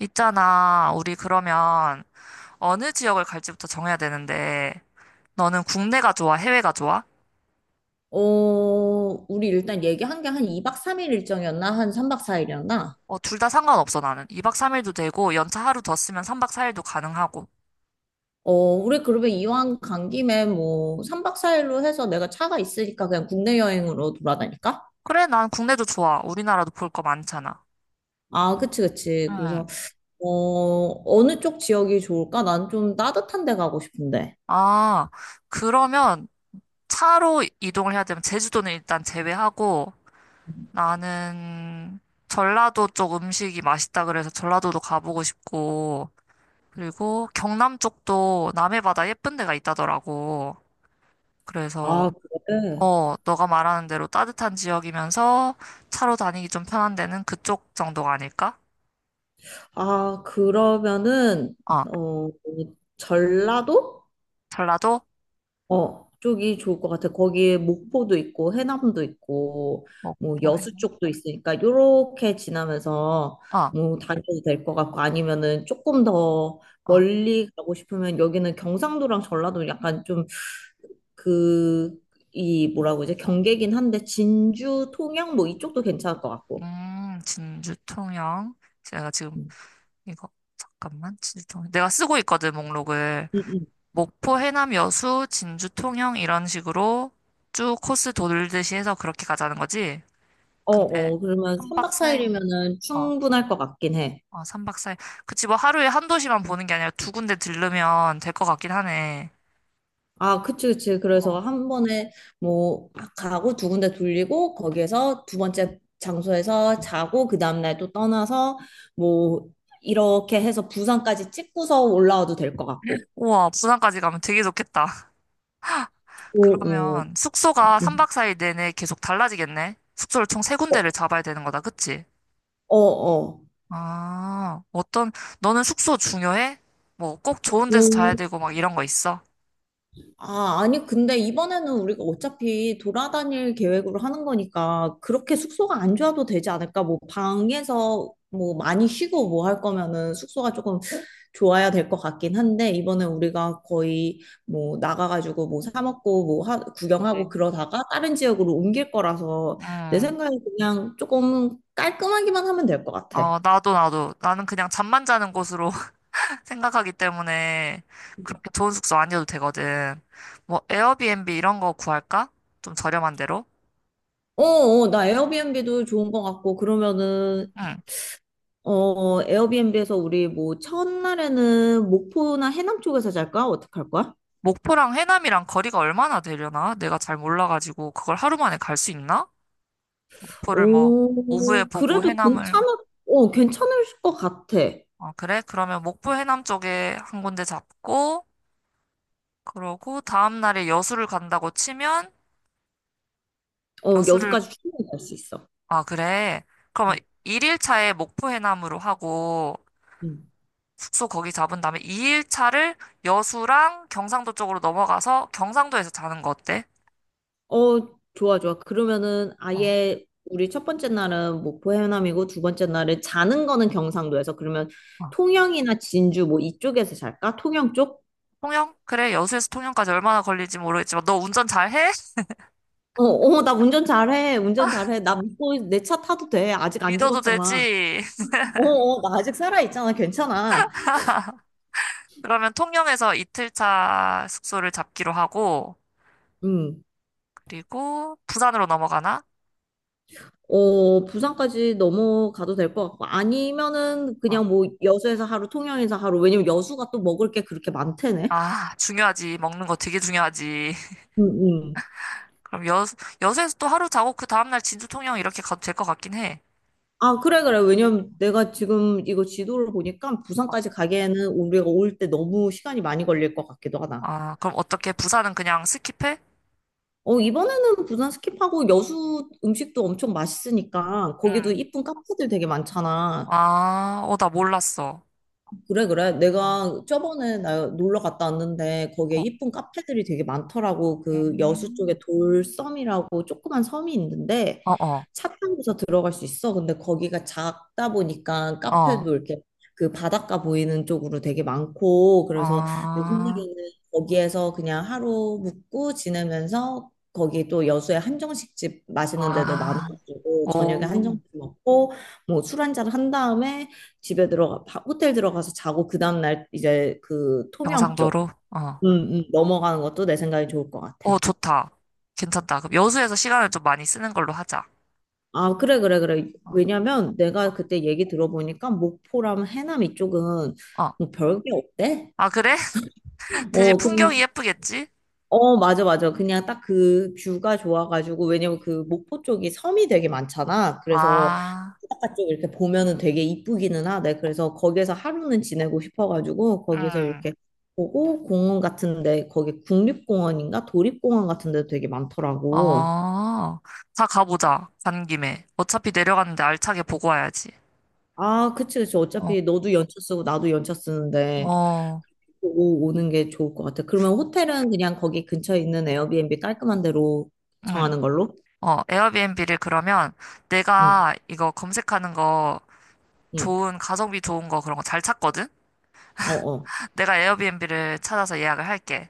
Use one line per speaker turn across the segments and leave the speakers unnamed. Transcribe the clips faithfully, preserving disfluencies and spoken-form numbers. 있잖아, 우리 그러면 어느 지역을 갈지부터 정해야 되는데, 너는 국내가 좋아, 해외가 좋아?
어, 우리 일단 얘기한 게 한 이 박 삼 일 일정이었나? 한 삼 박 사 일이었나?
어, 둘 다 상관없어, 나는. 이 박 삼 일도 되고, 연차 하루 더 쓰면 삼 박 사 일도 가능하고.
어, 우리 그러면 이왕 간 김에 뭐 삼 박 사 일로 해서 내가 차가 있으니까 그냥 국내 여행으로 돌아다닐까?
그래, 난 국내도 좋아. 우리나라도 볼 거 많잖아.
아, 그치, 그치. 그래서,
응.
어, 어느 쪽 지역이 좋을까? 난 좀 따뜻한 데 가고 싶은데.
아, 그러면 차로 이동을 해야 되면 제주도는 일단 제외하고, 나는 전라도 쪽 음식이 맛있다 그래서 전라도도 가보고 싶고, 그리고 경남 쪽도 남해 바다 예쁜 데가 있다더라고.
아,
그래서,
그래?
어, 너가 말하는 대로 따뜻한 지역이면서 차로 다니기 좀 편한 데는 그쪽 정도가 아닐까?
아, 그러면은,
어,
어, 전라도?
전라도?
어, 쪽이 좋을 것 같아. 거기에 목포도 있고 해남도 있고
뭐,
뭐
포 해?
여수 쪽도 있으니까 요렇게 지나면서
어,
뭐 다녀도 될 것 같고 아니면은 조금 더
어.
멀리 가고 싶으면 여기는 경상도랑 전라도 약간 좀 그 이 뭐라고 이제 경계긴 한데 진주, 통영 뭐 이쪽도 괜찮을 것 같고.
음, 진주 통영. 제가 지금
음,
이거, 잠깐만, 진주 통영. 내가 쓰고 있거든, 목록을.
음.
목포, 해남, 여수, 진주 통영, 이런 식으로 쭉 코스 돌듯이 해서 그렇게 가자는 거지?
어,
근데,
어. 그러면
한
삼
박
박사
사
일이
일
면은 충분할 것 같긴 해.
어, 삼박사일. 그치, 뭐 하루에 한 도시만 보는 게 아니라 두 군데 들르면 될 것 같긴 하네.
아, 그치, 그치. 그래서
어.
한 번에 뭐 막 가고 두 군데 돌리고 거기에서 두 번째 장소에서 자고 그 다음날 또 떠나서 뭐 이렇게 해서 부산까지 찍고서 올라와도 될 것 같고.
우와, 부산까지 가면 되게 좋겠다.
오, 오.
그러면 숙소가 삼 박 사 일 내내 계속 달라지겠네? 숙소를 총 세
어,
군데를 잡아야 되는 거다, 그치?
어,
아, 어떤, 너는 숙소 중요해? 뭐 꼭 좋은 데서 자야
어.
되고 막 이런 거 있어?
아, 아니, 근데 이번에는 우리가 어차피 돌아다닐 계획으로 하는 거니까 그렇게 숙소가 안 좋아도 되지 않을까? 뭐 방에서 뭐 많이 쉬고 뭐 할 거면은 숙소가 조금 좋아야 될 것 같긴 한데 이번에 우리가 거의 뭐 나가가지고 뭐 사 먹고 뭐 하- 구경하고
네.
그러다가 다른 지역으로 옮길 거라서 내
음,
생각에 그냥 조금 깔끔하기만 하면 될 것 같아.
어, 나도, 나도. 나는 그냥 잠만 자는 곳으로 생각하기 때문에 그렇게 좋은 숙소 아니어도 되거든. 뭐 에어비앤비 이런 거 구할까? 좀 저렴한 데로?
어, 어, 나 에어비앤비도 좋은 것 같고, 그러면은
응.
어, 에어비앤비에서 우리 뭐 첫날에는 목포나 해남 쪽에서 잘까? 어떡할 거야?
목포랑 해남이랑 거리가 얼마나 되려나? 내가 잘 몰라가지고 그걸 하루 만에 갈 수 있나? 목포를 뭐 오후에
오, 어,
보고
그래도
해남을.
괜찮을, 어, 괜찮을 것 같아.
아 그래? 그러면 목포 해남 쪽에 한 군데 잡고 그러고 다음 날에 여수를 간다고 치면.
어,
여수를.
여수까지 충분히 갈 수 있어.
아 그래. 그러면
음,
일일차에 목포 해남으로 하고
음.
숙소 거기 잡은 다음에 이 일차를 여수랑 경상도 쪽으로 넘어가서 경상도에서 자는 거 어때?
어, 좋아, 좋아. 그러면은
어.
아예 우리 첫 번째 날은 목포 해남이고 두 번째 날은 자는 거는 경상도에서 그러면
어.
통영이나 진주 뭐 이쪽에서 잘까? 통영 쪽?
통영? 그래, 여수에서 통영까지 얼마나 걸릴지 모르겠지만, 너 운전 잘해?
어, 어, 나 운전 잘해. 운전 잘해. 나 믿고 내 차 타도 돼. 아직 안
믿어도
죽었잖아.
되지?
어, 어, 나 아직 살아있잖아. 괜찮아.
그러면 통영에서 이틀차 숙소를 잡기로 하고,
음.
그리고 부산으로 넘어가나?
어, 부산까지 넘어가도 될 것 같고. 아니면은
어.
그냥 뭐 여수에서 하루, 통영에서 하루. 왜냐면 여수가 또 먹을 게 그렇게 많대네.
아, 중요하지. 먹는 거 되게 중요하지.
응, 응.
그럼 여, 여수에서 또 하루 자고, 그 다음날 진주 통영 이렇게 가도 될 것 같긴 해.
아, 그래, 그래. 왜냐면 내가 지금 이거 지도를 보니까
어.
부산까지 가기에는 우리가 올 때 너무 시간이 많이 걸릴 것 같기도 하다.
아, 그럼 어떻게? 부산은 그냥 스킵해?
어, 이번에는 부산 스킵하고 여수 음식도 엄청 맛있으니까 거기도
응.
이쁜 카페들 되게 많잖아.
아, 어, 나 몰랐어.
그래, 그래.
어,
내가 저번에 나 놀러 갔다 왔는데 거기에
어,
이쁜 카페들이 되게 많더라고. 그 여수 쪽에
음.
돌섬이라고 조그만 섬이 있는데
어, 어,
차 타고서 들어갈 수 있어. 근데 거기가 작다 보니까
어,
카페도 이렇게 그 바닷가 보이는 쪽으로 되게 많고 그래서 내
아,
생각에는 거기에서 그냥 하루 묵고 지내면서 거기 또 여수에 한정식집 맛있는 데들
아,
많아가지고 저녁에
오,
한정식 먹고 뭐 술 한잔 한 다음에 집에 들어가 바- 호텔 들어가서 자고 그 다음 날 이제 그 통영 쪽
경상도로? 어,
음, 음, 넘어가는 것도 내 생각이 좋을 것 같아.
어, 좋다. 괜찮다. 그럼 여수에서 시간을 좀 많이 쓰는 걸로 하자.
아, 그래, 그래, 그래.
어,
왜냐면 내가
어,
그때 얘기 들어보니까 목포랑 해남 이쪽은
어.
뭐 별게 없대?
아, 그래? 대신
어, 그,
풍경이 예쁘겠지?
어, 맞아, 맞아. 그냥 딱 그 뷰가 좋아가지고, 왜냐면 그 목포 쪽이 섬이 되게 많잖아. 그래서
아,
바깥쪽 이렇게 보면은 되게 이쁘기는 하대. 그래서 거기에서 하루는 지내고 싶어가지고 거기서
음,
이렇게 보고 공원 같은데 거기 국립공원인가 도립공원 같은데도 되게 많더라고.
어, 다 가보자. 간 김에. 어차피 내려갔는데 알차게 보고 와야지.
아, 그치, 그치.
어,
어차피 너도 연차 쓰고 나도 연차 쓰는데
어,
보고 오는 게 좋을 것 같아. 그러면 호텔은 그냥 거기 근처에 있는 에어비앤비 깔끔한 데로
응.
정하는 걸로?
어, 에어비앤비를 그러면
응,
내가 이거 검색하는 거
응.
좋은, 가성비 좋은 거 그런 거 잘 찾거든?
어, 어.
내가 에어비앤비를 찾아서 예약을 할게.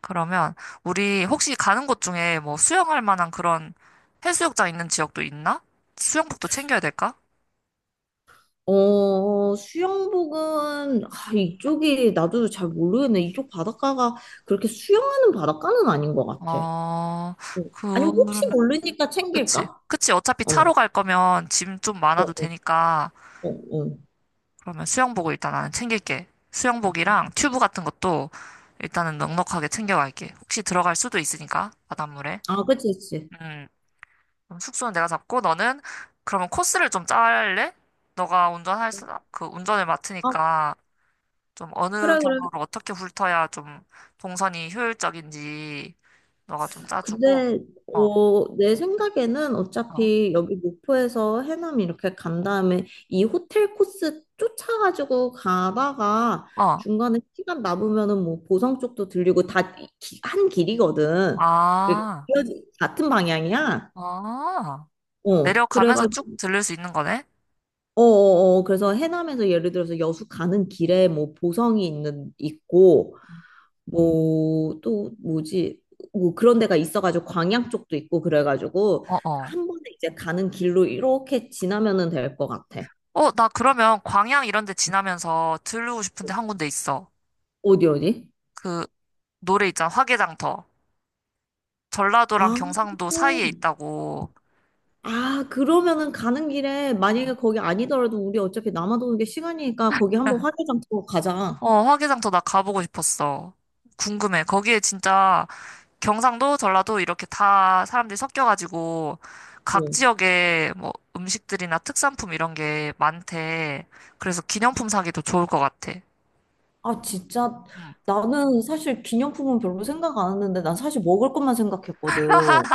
그러면 우리 혹시 가는 곳 중에 뭐 수영할 만한 그런 해수욕장 있는 지역도 있나? 수영복도 챙겨야 될까?
어, 수영복은, 아, 이쪽이, 나도 잘 모르겠네. 이쪽 바닷가가 그렇게 수영하는 바닷가는 아닌 것 같아.
어,
어. 아니, 혹시
그러면,
모르니까
그치.
챙길까?
그치. 어차피
어,
차로
어,
갈 거면 짐 좀 많아도
어,
되니까.
어. 어.
그러면 수영복을 일단 나는 챙길게. 수영복이랑 튜브 같은 것도 일단은 넉넉하게 챙겨갈게. 혹시 들어갈 수도 있으니까, 바닷물에.
아, 그치, 그치.
음, 그럼 숙소는 내가 잡고, 너는 그러면 코스를 좀 짤래? 너가 운전할, 수- 그 운전을
아,
맡으니까 좀 어느
그래, 그래.
경로로 어떻게 훑어야 좀 동선이 효율적인지 너가 좀 짜주고,
근데
어,
어, 내 생각에는
어,
어차피 여기 목포에서 해남 이렇게 간 다음에 이 호텔 코스 쫓아가지고 가다가
어,
중간에 시간 남으면은 뭐 보성 쪽도 들리고 다 한 길이거든. 그
아,
이어지- 같은 방향이야.
아,
어,
내려가면서
그래가지고
쭉 들릴 수 있는 거네?
어어어 그래서 해남에서 예를 들어서 여수 가는 길에 뭐 보성이 있는 있고 뭐 또 뭐지 뭐 그런 데가 있어가지고 광양 쪽도 있고 그래가지고
어, 어.
한 번에 이제 가는 길로 이렇게 지나면은 될 것 같아.
어, 나 그러면 광양 이런 데 지나면서 들르고 싶은 데 한 군데 있어.
어디 어디?
그 노래 있잖아, 화개장터. 전라도랑
아,
경상도 사이에 있다고.
아 그러면은 가는 길에 만약에
어.
거기 아니더라도 우리 어차피 남아도는 게 시간이니까 거기 한번 화개장 보 가자.
어, 화개장터 나 가보고 싶었어. 궁금해. 거기에 진짜 경상도, 전라도 이렇게 다 사람들이 섞여가지고 각
응.
지역에 뭐 음식들이나 특산품 이런 게 많대. 그래서 기념품 사기도 좋을 것 같아.
아, 진짜.
응.
나는 사실 기념품은 별로 생각 안 했는데, 난 사실 먹을 것만 생각했거든.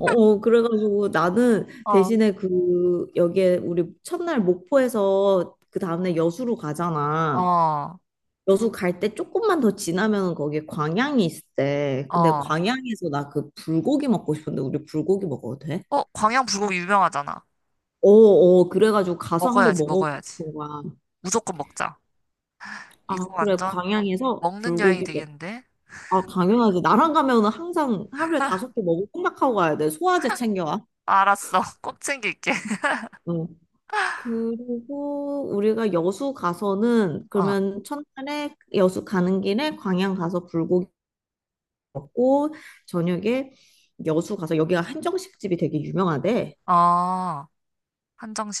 어, 그래가지고 나는
어,
대신에 그, 여기에 우리 첫날 목포에서 그 다음날 여수로 가잖아.
어,
여수 갈 때 조금만 더 지나면 거기에 광양이 있대. 근데
어.
광양에서 나 그 불고기 먹고 싶은데, 우리 불고기 먹어도 돼?
어, 광양 불고기 유명하잖아.
어, 어, 그래가지고 가서 한번
먹어야지,
먹어보고
먹어야지.
싶은 거야.
무조건 먹자. 이거
아, 그래,
완전
광양에서
먹는 여행이
불고기
되겠는데?
아, 당연하지. 나랑 가면은 항상 하루에 다섯 개 먹을 생각하고 가야 돼. 소화제 챙겨와.
알았어. 꼭 챙길게.
응. 그리고 우리가 여수 가서는
아,
그러면 첫날에 여수 가는 길에 광양 가서 불고기 먹고 저녁에 여수 가서 여기가 한정식집이 되게 유명하대.
아,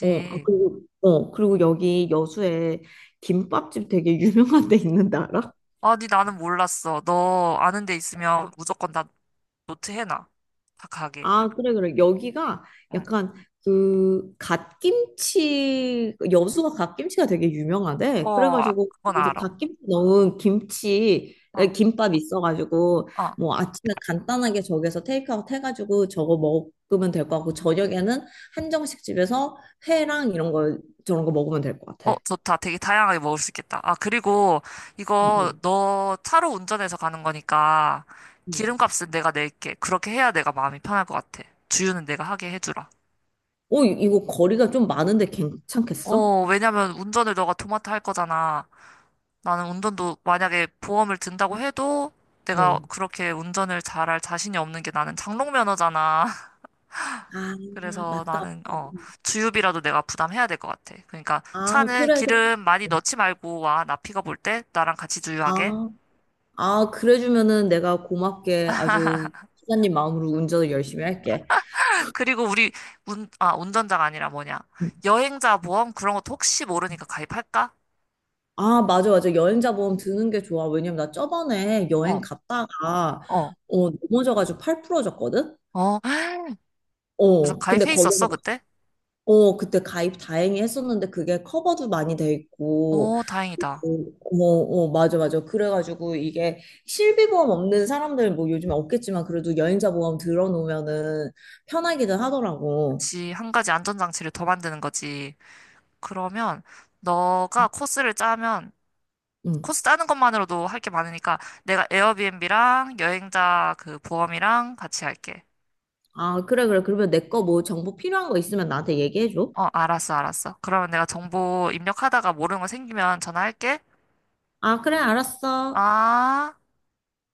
어, 아, 그리고 어, 그리고 여기 여수에 김밥집 되게 유명한 데 있는데 알아?
아니, 나는 몰랐어. 너 아는 데 있으면 무조건 나 노트 해놔. 다 가게.
아, 그래, 그래. 여기가
응.
약간 그 갓김치, 여수가 갓김치가 되게
어,
유명하대.
아,
그래가지고
그건
이제
알아.
갓김치 넣은 김치, 에,
어,
김밥 있어가지고
어.
뭐 아침에 간단하게 저기서 테이크아웃 해가지고 저거 먹으면 될 것 같고 저녁에는 한정식 집에서 회랑 이런 거 저런 거 먹으면 될 것
어,
같아.
좋다. 되게 다양하게 먹을 수 있겠다. 아, 그리고
음,
이거
음,
너 차로 운전해서 가는 거니까
음.
기름값은 내가 낼게. 그렇게 해야 내가 마음이 편할 것 같아. 주유는 내가 하게 해주라.
어, 이- 이거 거리가 좀 많은데 괜찮겠어?
어, 왜냐면 운전을 너가 도맡아 할 거잖아. 나는 운전도 만약에 보험을 든다고 해도 내가
어.
그렇게 운전을 잘할 자신이 없는 게 나는 장롱 면허잖아.
아,
그래서
맞다.
나는 어, 주유비라도 내가 부담해야 될 것 같아. 그러니까
아,
차는
그래, 그래.
기름 많이 넣지 말고 와. 나 픽업 올 때 나랑 같이 주유하게.
아, 아, 그래주면은 내가 고맙게 아주 기사님 마음으로 운전을 열심히 할게.
그리고 우리 운, 아, 운전자가 아니라 뭐냐. 여행자 보험 그런 것도 혹시 모르니까 가입할까?
아, 맞아, 맞아. 여행자 보험 드는 게 좋아. 왜냐면 나 저번에 여행
어,
갔다가,
어,
어, 넘어져가지고 팔 부러졌거든?
어. 그래서
어, 근데
가입해
거기서,
있었어,
막-
그때?
어, 그때 가입 다행히 했었는데 그게 커버도 많이 돼 있고,
오, 다행이다.
그리고, 어, 어, 맞아, 맞아. 그래가지고 이게 실비보험 없는 사람들 뭐 요즘에 없겠지만 그래도 여행자 보험 들어놓으면은 편하기는 하더라고.
그치, 한 가지 안전장치를 더 만드는 거지. 그러면 너가 코스를 짜면
응.
코스 짜는 것만으로도 할 게 많으니까 내가 에어비앤비랑 여행자 그 보험이랑 같이 할게.
아, 그래, 그래. 그러면 내 거 뭐 정보 필요한 거 있으면 나한테 얘기해줘.
어, 알았어, 알았어. 그러면 내가 정보 입력하다가 모르는 거 생기면 전화할게.
아, 그래, 알았어.
아.